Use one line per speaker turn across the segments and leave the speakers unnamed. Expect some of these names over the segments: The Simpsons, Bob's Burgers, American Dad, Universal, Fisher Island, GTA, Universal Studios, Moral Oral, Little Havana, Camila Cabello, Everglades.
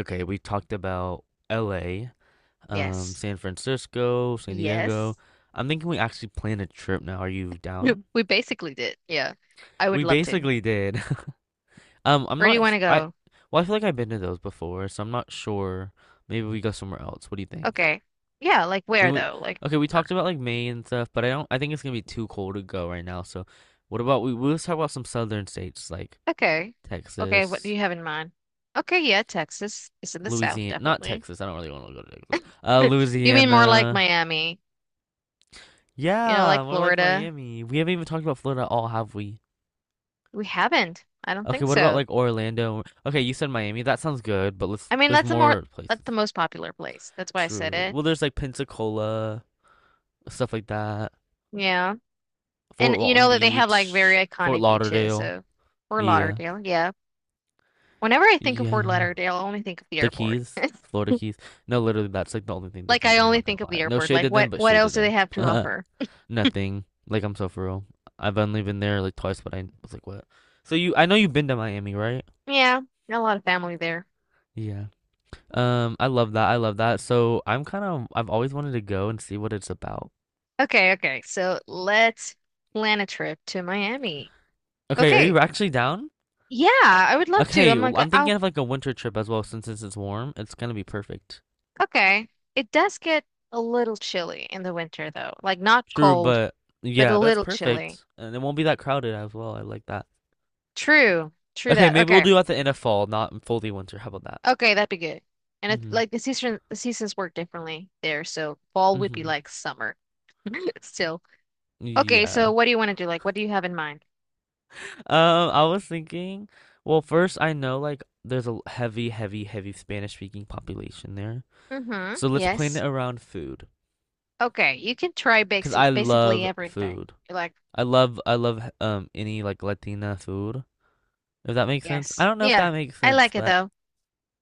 Okay, we talked about LA,
Yes.
San Francisco, San Diego.
Yes.
I'm thinking we actually plan a trip now. Are you
Yep.
down?
We basically did. Yeah. I would
We
love to.
basically did. I'm
Where do
not,
you want
f-
to
I,
go?
well, I feel like I've been to those before, so I'm not sure. Maybe we go somewhere else. What do you think?
Okay. Yeah, like
We
where
would,
though? Like
okay, we
where?
talked about like Maine and stuff, but I don't, I think it's gonna be too cold to go right now. So what about we'll just talk about some southern states like
Okay. Okay, what do
Texas,
you have in mind? Okay, yeah, Texas is in the south,
Louisiana, not
definitely.
Texas. I don't really want to go to Texas.
You mean more like
Louisiana.
Miami, you know,
Yeah,
like
more like
Florida?
Miami. We haven't even talked about Florida at all, have we?
We haven't. I don't
Okay,
think
what about
so.
like Orlando? Okay, you said Miami. That sounds good, but let's
I mean,
there's more
that's the
places.
most popular place. That's why I said
True.
it.
Well, there's like Pensacola, stuff like that.
Yeah. And
Fort
you
Walton
know that they have like
Beach,
very
Fort
iconic beaches,
Lauderdale.
so Fort
Yeah.
Lauderdale, yeah. Whenever I think of Fort
Yeah.
Lauderdale, I only think of the
The
airport.
Keys, Florida Keys. No, literally that's like the only thing they
Like
do
I
there,
only
not gonna
think of
lie.
the
No
airport.
shade
Like
to them,
what
but
what
shade to
else do they
them.
have to offer?
Nothing. Like I'm so for real. I've only been there like twice, but I was like, what? So you I know you've been to Miami, right?
Yeah, got a lot of family there.
Yeah. I love that. I love that. So I'm kind of I've always wanted to go and see what it's about.
Okay, okay. So let's plan a trip to Miami.
Okay, are
Okay.
you actually down?
Yeah, I would love to.
Okay,
I'm
well,
like,
I'm
oh,
thinking of like a winter trip as well since it's warm. It's gonna be perfect.
okay. It does get a little chilly in the winter though. Like not
True,
cold,
but
but a
yeah, that's
little chilly.
perfect. And it won't be that crowded as well. I like that.
True. True
Okay,
that.
maybe we'll
Okay.
do at the end of fall, not fully winter. How about that?
Okay, that'd be good. And it's
Mm-hmm.
like the seasons work differently there, so fall would be
Mm-hmm.
like summer still. Okay, so
Yeah.
what do you want to do? Like, what do you have in mind?
Um, I was thinking, well, first I know like there's a heavy, heavy, heavy Spanish speaking population there.
Mm-hmm.
So let's plan
Yes.
it around food,
Okay, you can try
because I
basically
love
everything.
food.
You're like,
I love any like Latina food. If that makes sense. I
yes.
don't know if
Yeah,
that makes
I
sense,
like it
but
though.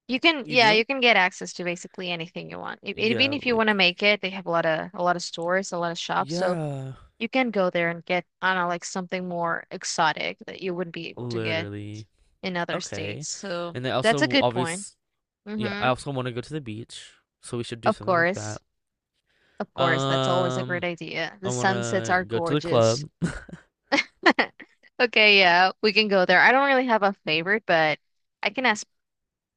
You can,
you
yeah, you
do.
can get access to basically anything you want. E- Even
Yeah,
if you want to
like
make it, they have a lot of stores, a lot of shops, so
yeah,
you can go there and get, I don't know, like something more exotic that you wouldn't be able to get
literally.
in other
Okay,
states. So
and then
that's a
also
good point.
obvious. Yeah, I
Mm-hmm.
also want to go to the beach, so we should do
Of
something like
course.
that.
Of course, that's always a great
Um,
idea.
I
The
want
sunsets
to
are
go to the
gorgeous.
club.
Okay, yeah, we can go there. I don't really have a favorite, but I can ask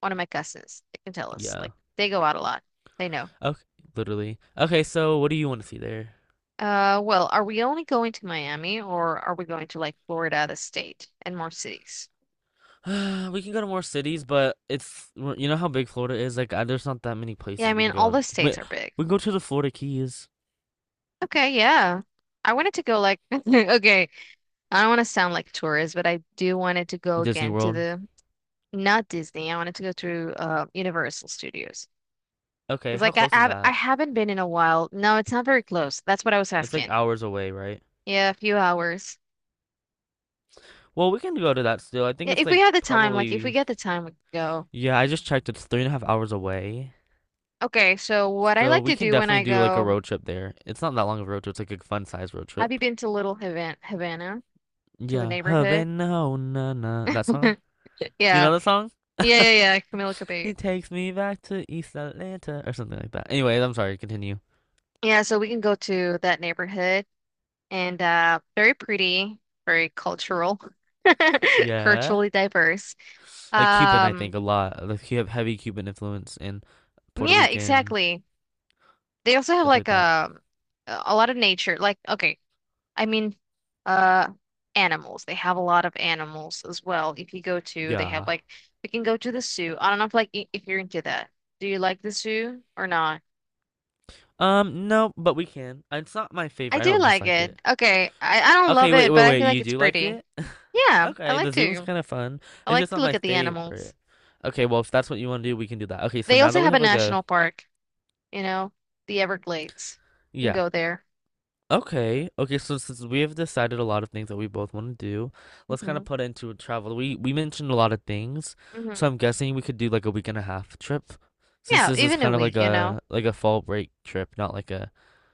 one of my cousins. They can tell us.
Yeah.
Like they go out a lot. They know.
Okay, literally. Okay, so what do you want to see there?
Well, are we only going to Miami or are we going to like Florida, the state, and more cities?
We can go to more cities, but it's well, you know how big Florida is. Like, there's not that many
Yeah, I
places we
mean
can go
all the
in.
states
Wait,
are big.
we can go to the Florida Keys,
Okay, yeah. I wanted to go like okay, I don't want to sound like a tourist, but I do wanted to go
Disney
again to
World.
the not Disney. I wanted to go to Universal Studios.
Okay,
It's
how
like
close is
I
that?
haven't been in a while. No, it's not very close. That's what I was
It's like
asking.
hours away, right?
Yeah, a few hours.
Well, we can go to that still. I think
Yeah,
it's
if we
like
had the time, like if we
probably
get the time, we could go.
yeah. I just checked. It's 3.5 hours away,
Okay, so what I
so
like
we
to
can
do when
definitely
I
do like a
go,
road trip there. It's not that long of a road trip. It's like a fun size road
have you
trip.
been to Havana, to the
Yeah,
neighborhood?
Havana, oh, na na that song. You know
Yeah.
the song?
Yeah, yeah, yeah, Camila Cabello.
He takes me back to East Atlanta or something like that. Anyway, I'm sorry. Continue.
Yeah, so we can go to that neighborhood and very pretty, very cultural,
Yeah.
culturally diverse.
Like Cuban, I think
Um
a lot. Like you have heavy Cuban influence and Puerto
yeah,
Rican
exactly. They also have
stuff
like
like that.
a lot of nature. Like, okay, I mean, uh, animals. They have a lot of animals as well. If you go to, they have
Yeah.
like we can go to the zoo. I don't know if like if you're into that. Do you like the zoo or not?
No, but we can. It's not my
I
favorite. I
do
don't
like
dislike it.
it. Okay, I don't love
Okay. Wait.
it,
Wait.
but I
Wait.
feel like
You
it's
do like
pretty.
it?
Yeah, I
Okay.
like
The zoo was
to.
kind of fun.
I
It's
like
just
to
not
look
my
at the animals.
favorite. Okay. Well, if that's what you want to do, we can do that. Okay. So
They
now
also
that we
have a
have like a
national park. You know, the Everglades. You can
yeah.
go there.
Okay. Okay, so since we have decided a lot of things that we both want to do, let's kind of
Hmm.
put into travel. We mentioned a lot of things, so
Hmm.
I'm guessing we could do like a week and a half trip, since
Yeah,
this is
even a
kind of
week. You know.
like a fall break trip, not like a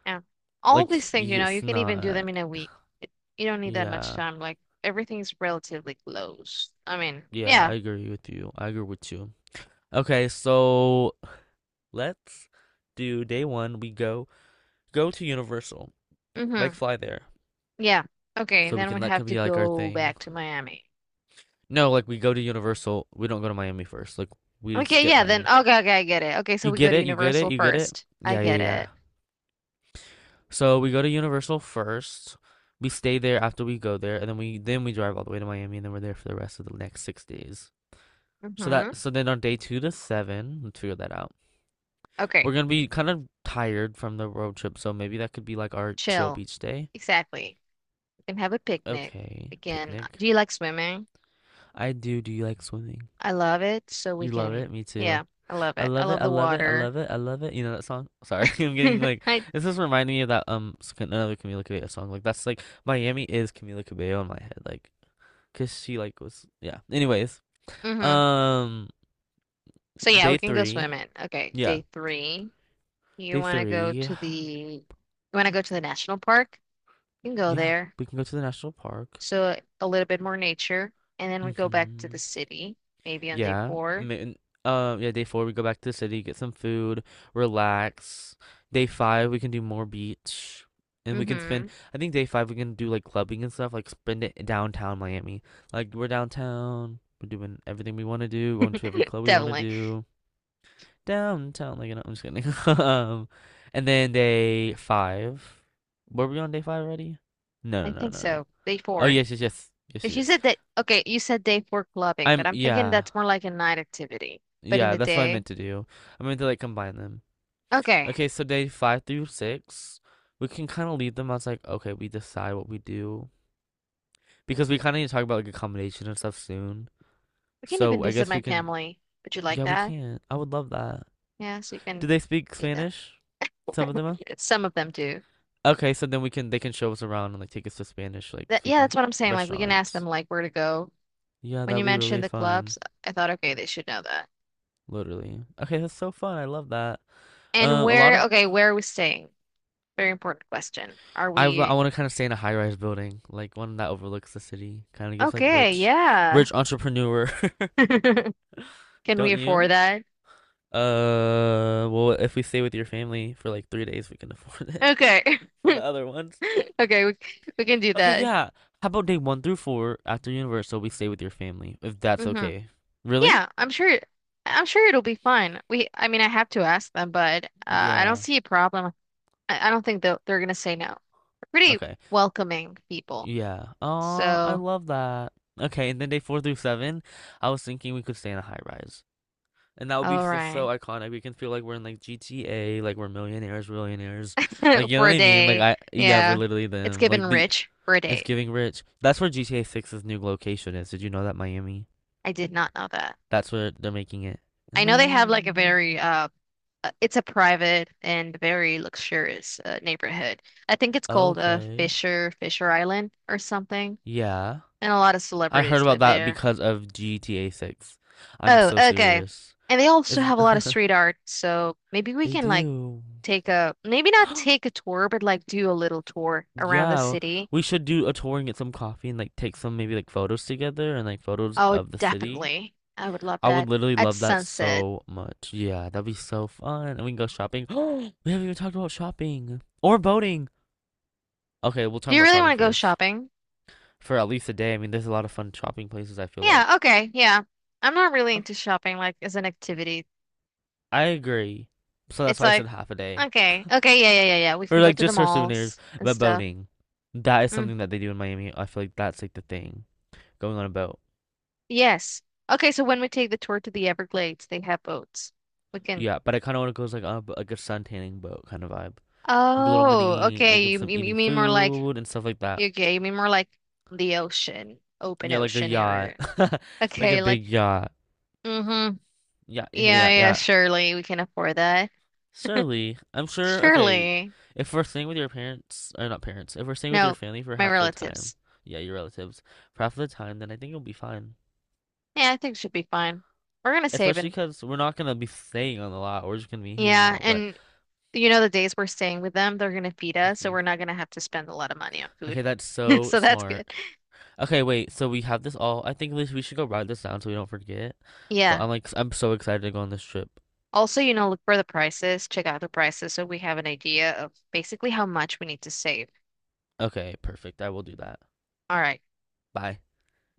Yeah. All these things, you know, you
it's
can even do them
not.
in a week. It, you don't need that much
Yeah,
time. Like everything's relatively close. I mean,
yeah,
yeah.
I agree with you. I agree with you. Okay, so let's do day one. We go to Universal, like
Mm-hmm.
fly there,
Yeah. Okay,
so we
then
can
we
that
have
can
to
be like our
go
thing.
back to Miami.
No, like we go to Universal. We don't go to Miami first. Like we
Okay,
skip
yeah, then
Miami.
okay, I get it. Okay, so
You
we go
get
to
it? You get it?
Universal
You get it?
first. I
Yeah, yeah,
get
yeah.
it.
So we go to Universal first. We stay there after we go there, and then we drive all the way to Miami, and then we're there for the rest of the next 6 days. So that
Mm-hmm.
so then on day two to seven, let's figure that out. We're
Okay,
gonna be kind of tired from the road trip, so maybe that could be like our chill
chill.
beach day.
Exactly. We can have a picnic.
Okay,
We can,
picnic.
do you like swimming?
I do. Do you like swimming?
I love it. So we
You love it?
can,
Me too.
yeah, I love
I
it. I
love it.
love
I
the
love it. I
water.
love it. I love it. You know that song? Sorry, I'm getting like
I,
this is reminding me of that another Camila Cabello song. Like that's like Miami is Camila Cabello in my head. Like, cause she like was yeah. Anyways,
mhm.
um,
So yeah, we
day
can go
three.
swimming. Okay,
Yeah,
day three. You
day
want to go
three.
to the you want to go to the national park? You can go
Yeah,
there.
we can go to the national park.
So a little bit more nature, and then we go back to
Mm-hmm.
the city, maybe on day
Yeah.
four.
Yeah, day four, we go back to the city, get some food, relax. Day five, we can do more beach. And we can spend,
Mm-hmm.
I think day five, we can do like clubbing and stuff, like spend it in downtown Miami. Like, we're downtown, we're doing everything we want to do, going to every club we want to
Definitely.
do. Downtown, like, I'm just kidding. And then day five, were we on day five already? No,
I
no, no,
think
no. No.
so. Day
Oh,
four.
yes, yes, yes. Yes,
Because
yes.
you
Yes.
said that, okay, you said day four clubbing, but I'm thinking
Yeah.
that's more like a night activity. But in
Yeah,
the
that's what I
day,
meant to do. I meant to like combine them.
okay,
Okay, so day five through six, we can kind of leave them as like, okay, we decide what we do because we kind of need to talk about like accommodation and stuff soon.
we can even
So I
visit
guess
my
we can.
family. Would you like
Yeah, we
that?
can. I would love that.
Yeah, so you
Do
can
they speak
meet them.
Spanish? Some of them. Are?
Some of them do.
Okay, so then we can they can show us around and like take us to Spanish like
That, yeah, that's
speaking
what I'm saying. Like we can ask them
restaurants.
like where to go.
Yeah,
When you
that'd be really
mentioned the
fun.
clubs, I thought, okay, they should know that.
Literally. Okay, that's so fun. I love that.
And
A lot
where,
of
okay, where are we staying? Very important question. Are
I w- I
we
want to kind of stay in a high-rise building, like one that overlooks the city. Kind of gives like
okay?
rich,
Yeah.
rich entrepreneur,
Can
don't
we afford
you?
that?
Well, if we stay with your family for like 3 days, we can afford it
Okay.
for the other ones.
Okay, we can do
Okay,
that.
yeah. How about day one through four after Universal, we stay with your family, if that's
Hmm.
okay. Really?
Yeah, I'm sure it'll be fine. We I mean, I have to ask them, but I don't
Yeah.
see a problem. I don't think they'll, they're gonna say no. They're pretty
Okay.
welcoming people.
Yeah. Aw, I
So,
love that. Okay, and then day four through seven, I was thinking we could stay in a high rise. And that would be
all
so,
right.
so iconic. We can feel like we're in like GTA, like we're millionaires, millionaires. Like you know
For
what
a
I mean? Like
day.
I Yeah, we're
Yeah.
literally
It's
them.
given
Like the
rich for a
It's
day.
giving rich. That's where GTA 6's new location is. Did you know that Miami?
I did not know that.
That's where they're making it.
I
In
know they have like a
Miami.
very it's a private and very luxurious neighborhood. I think it's called
Okay.
Fisher Island or something.
Yeah.
And a lot of
I heard
celebrities
about
live
that
there.
because of GTA 6. I'm
Oh,
so
okay.
serious.
And they also
Is
have a lot of street art, so maybe we
they
can like
do.
take a maybe not take a tour, but like do a little tour around the
Yeah,
city.
we should do a tour and get some coffee and like take some maybe like photos together and like photos
Oh,
of the city.
definitely. I would love
I would
that.
literally
At
love that
sunset.
so much. Yeah, that'd be so fun. And we can go shopping. We haven't even talked about shopping or boating. Okay, we'll
Do
talk
you
about
really want
shopping
to go
first
shopping?
for at least a day. I mean, there's a lot of fun shopping places, I feel
Yeah,
like.
okay, yeah. I'm not really
Okay.
into shopping like as an activity.
I agree. So that's
It's
why I said
like,
half a day
okay, yeah, yeah, yeah, yeah. We
for
can go
like
to the
just her souvenirs,
malls and
but
stuff.
boating. That is
Mm,
something that they do in Miami. I feel like that's like the thing, going on a boat.
yes. Okay, so when we take the tour to the Everglades, they have boats. We can.
Yeah, but I kind of want to go like a sun tanning boat kind of vibe, like a little
Oh,
mini, like
okay.
with some
You
eating
mean more like
food and stuff like that.
okay, you mean more like the ocean, open
Yeah, like a
ocean
yacht,
area.
like a
Okay, like,
big yacht.
mm-hmm.
Yeah,
Yeah,
yeah,
yeah,
yeah.
surely we can afford that.
Surely, I'm sure. Okay,
Surely.
if we're staying with your parents or not parents, if we're staying with your
No,
family for
my
half the time,
relatives.
yeah, your relatives for half the time, then I think it'll be fine.
Yeah, I think it should be fine. We're gonna save
Especially
and
because we're not gonna be staying on the lot. We're just gonna be hanging
yeah,
out. But
and you know the days we're staying with them, they're gonna feed us, so
mhm.
we're not gonna have to spend a lot of money on food.
Okay, that's so
So that's good.
smart. Okay, wait. So we have this all. I think we should go write this down so we don't forget. But
Yeah.
I'm like, I'm so excited to go on this trip.
Also, you know, look for the prices, check out the prices so we have an idea of basically how much we need to save.
Okay, perfect. I will do that.
All right.
Bye.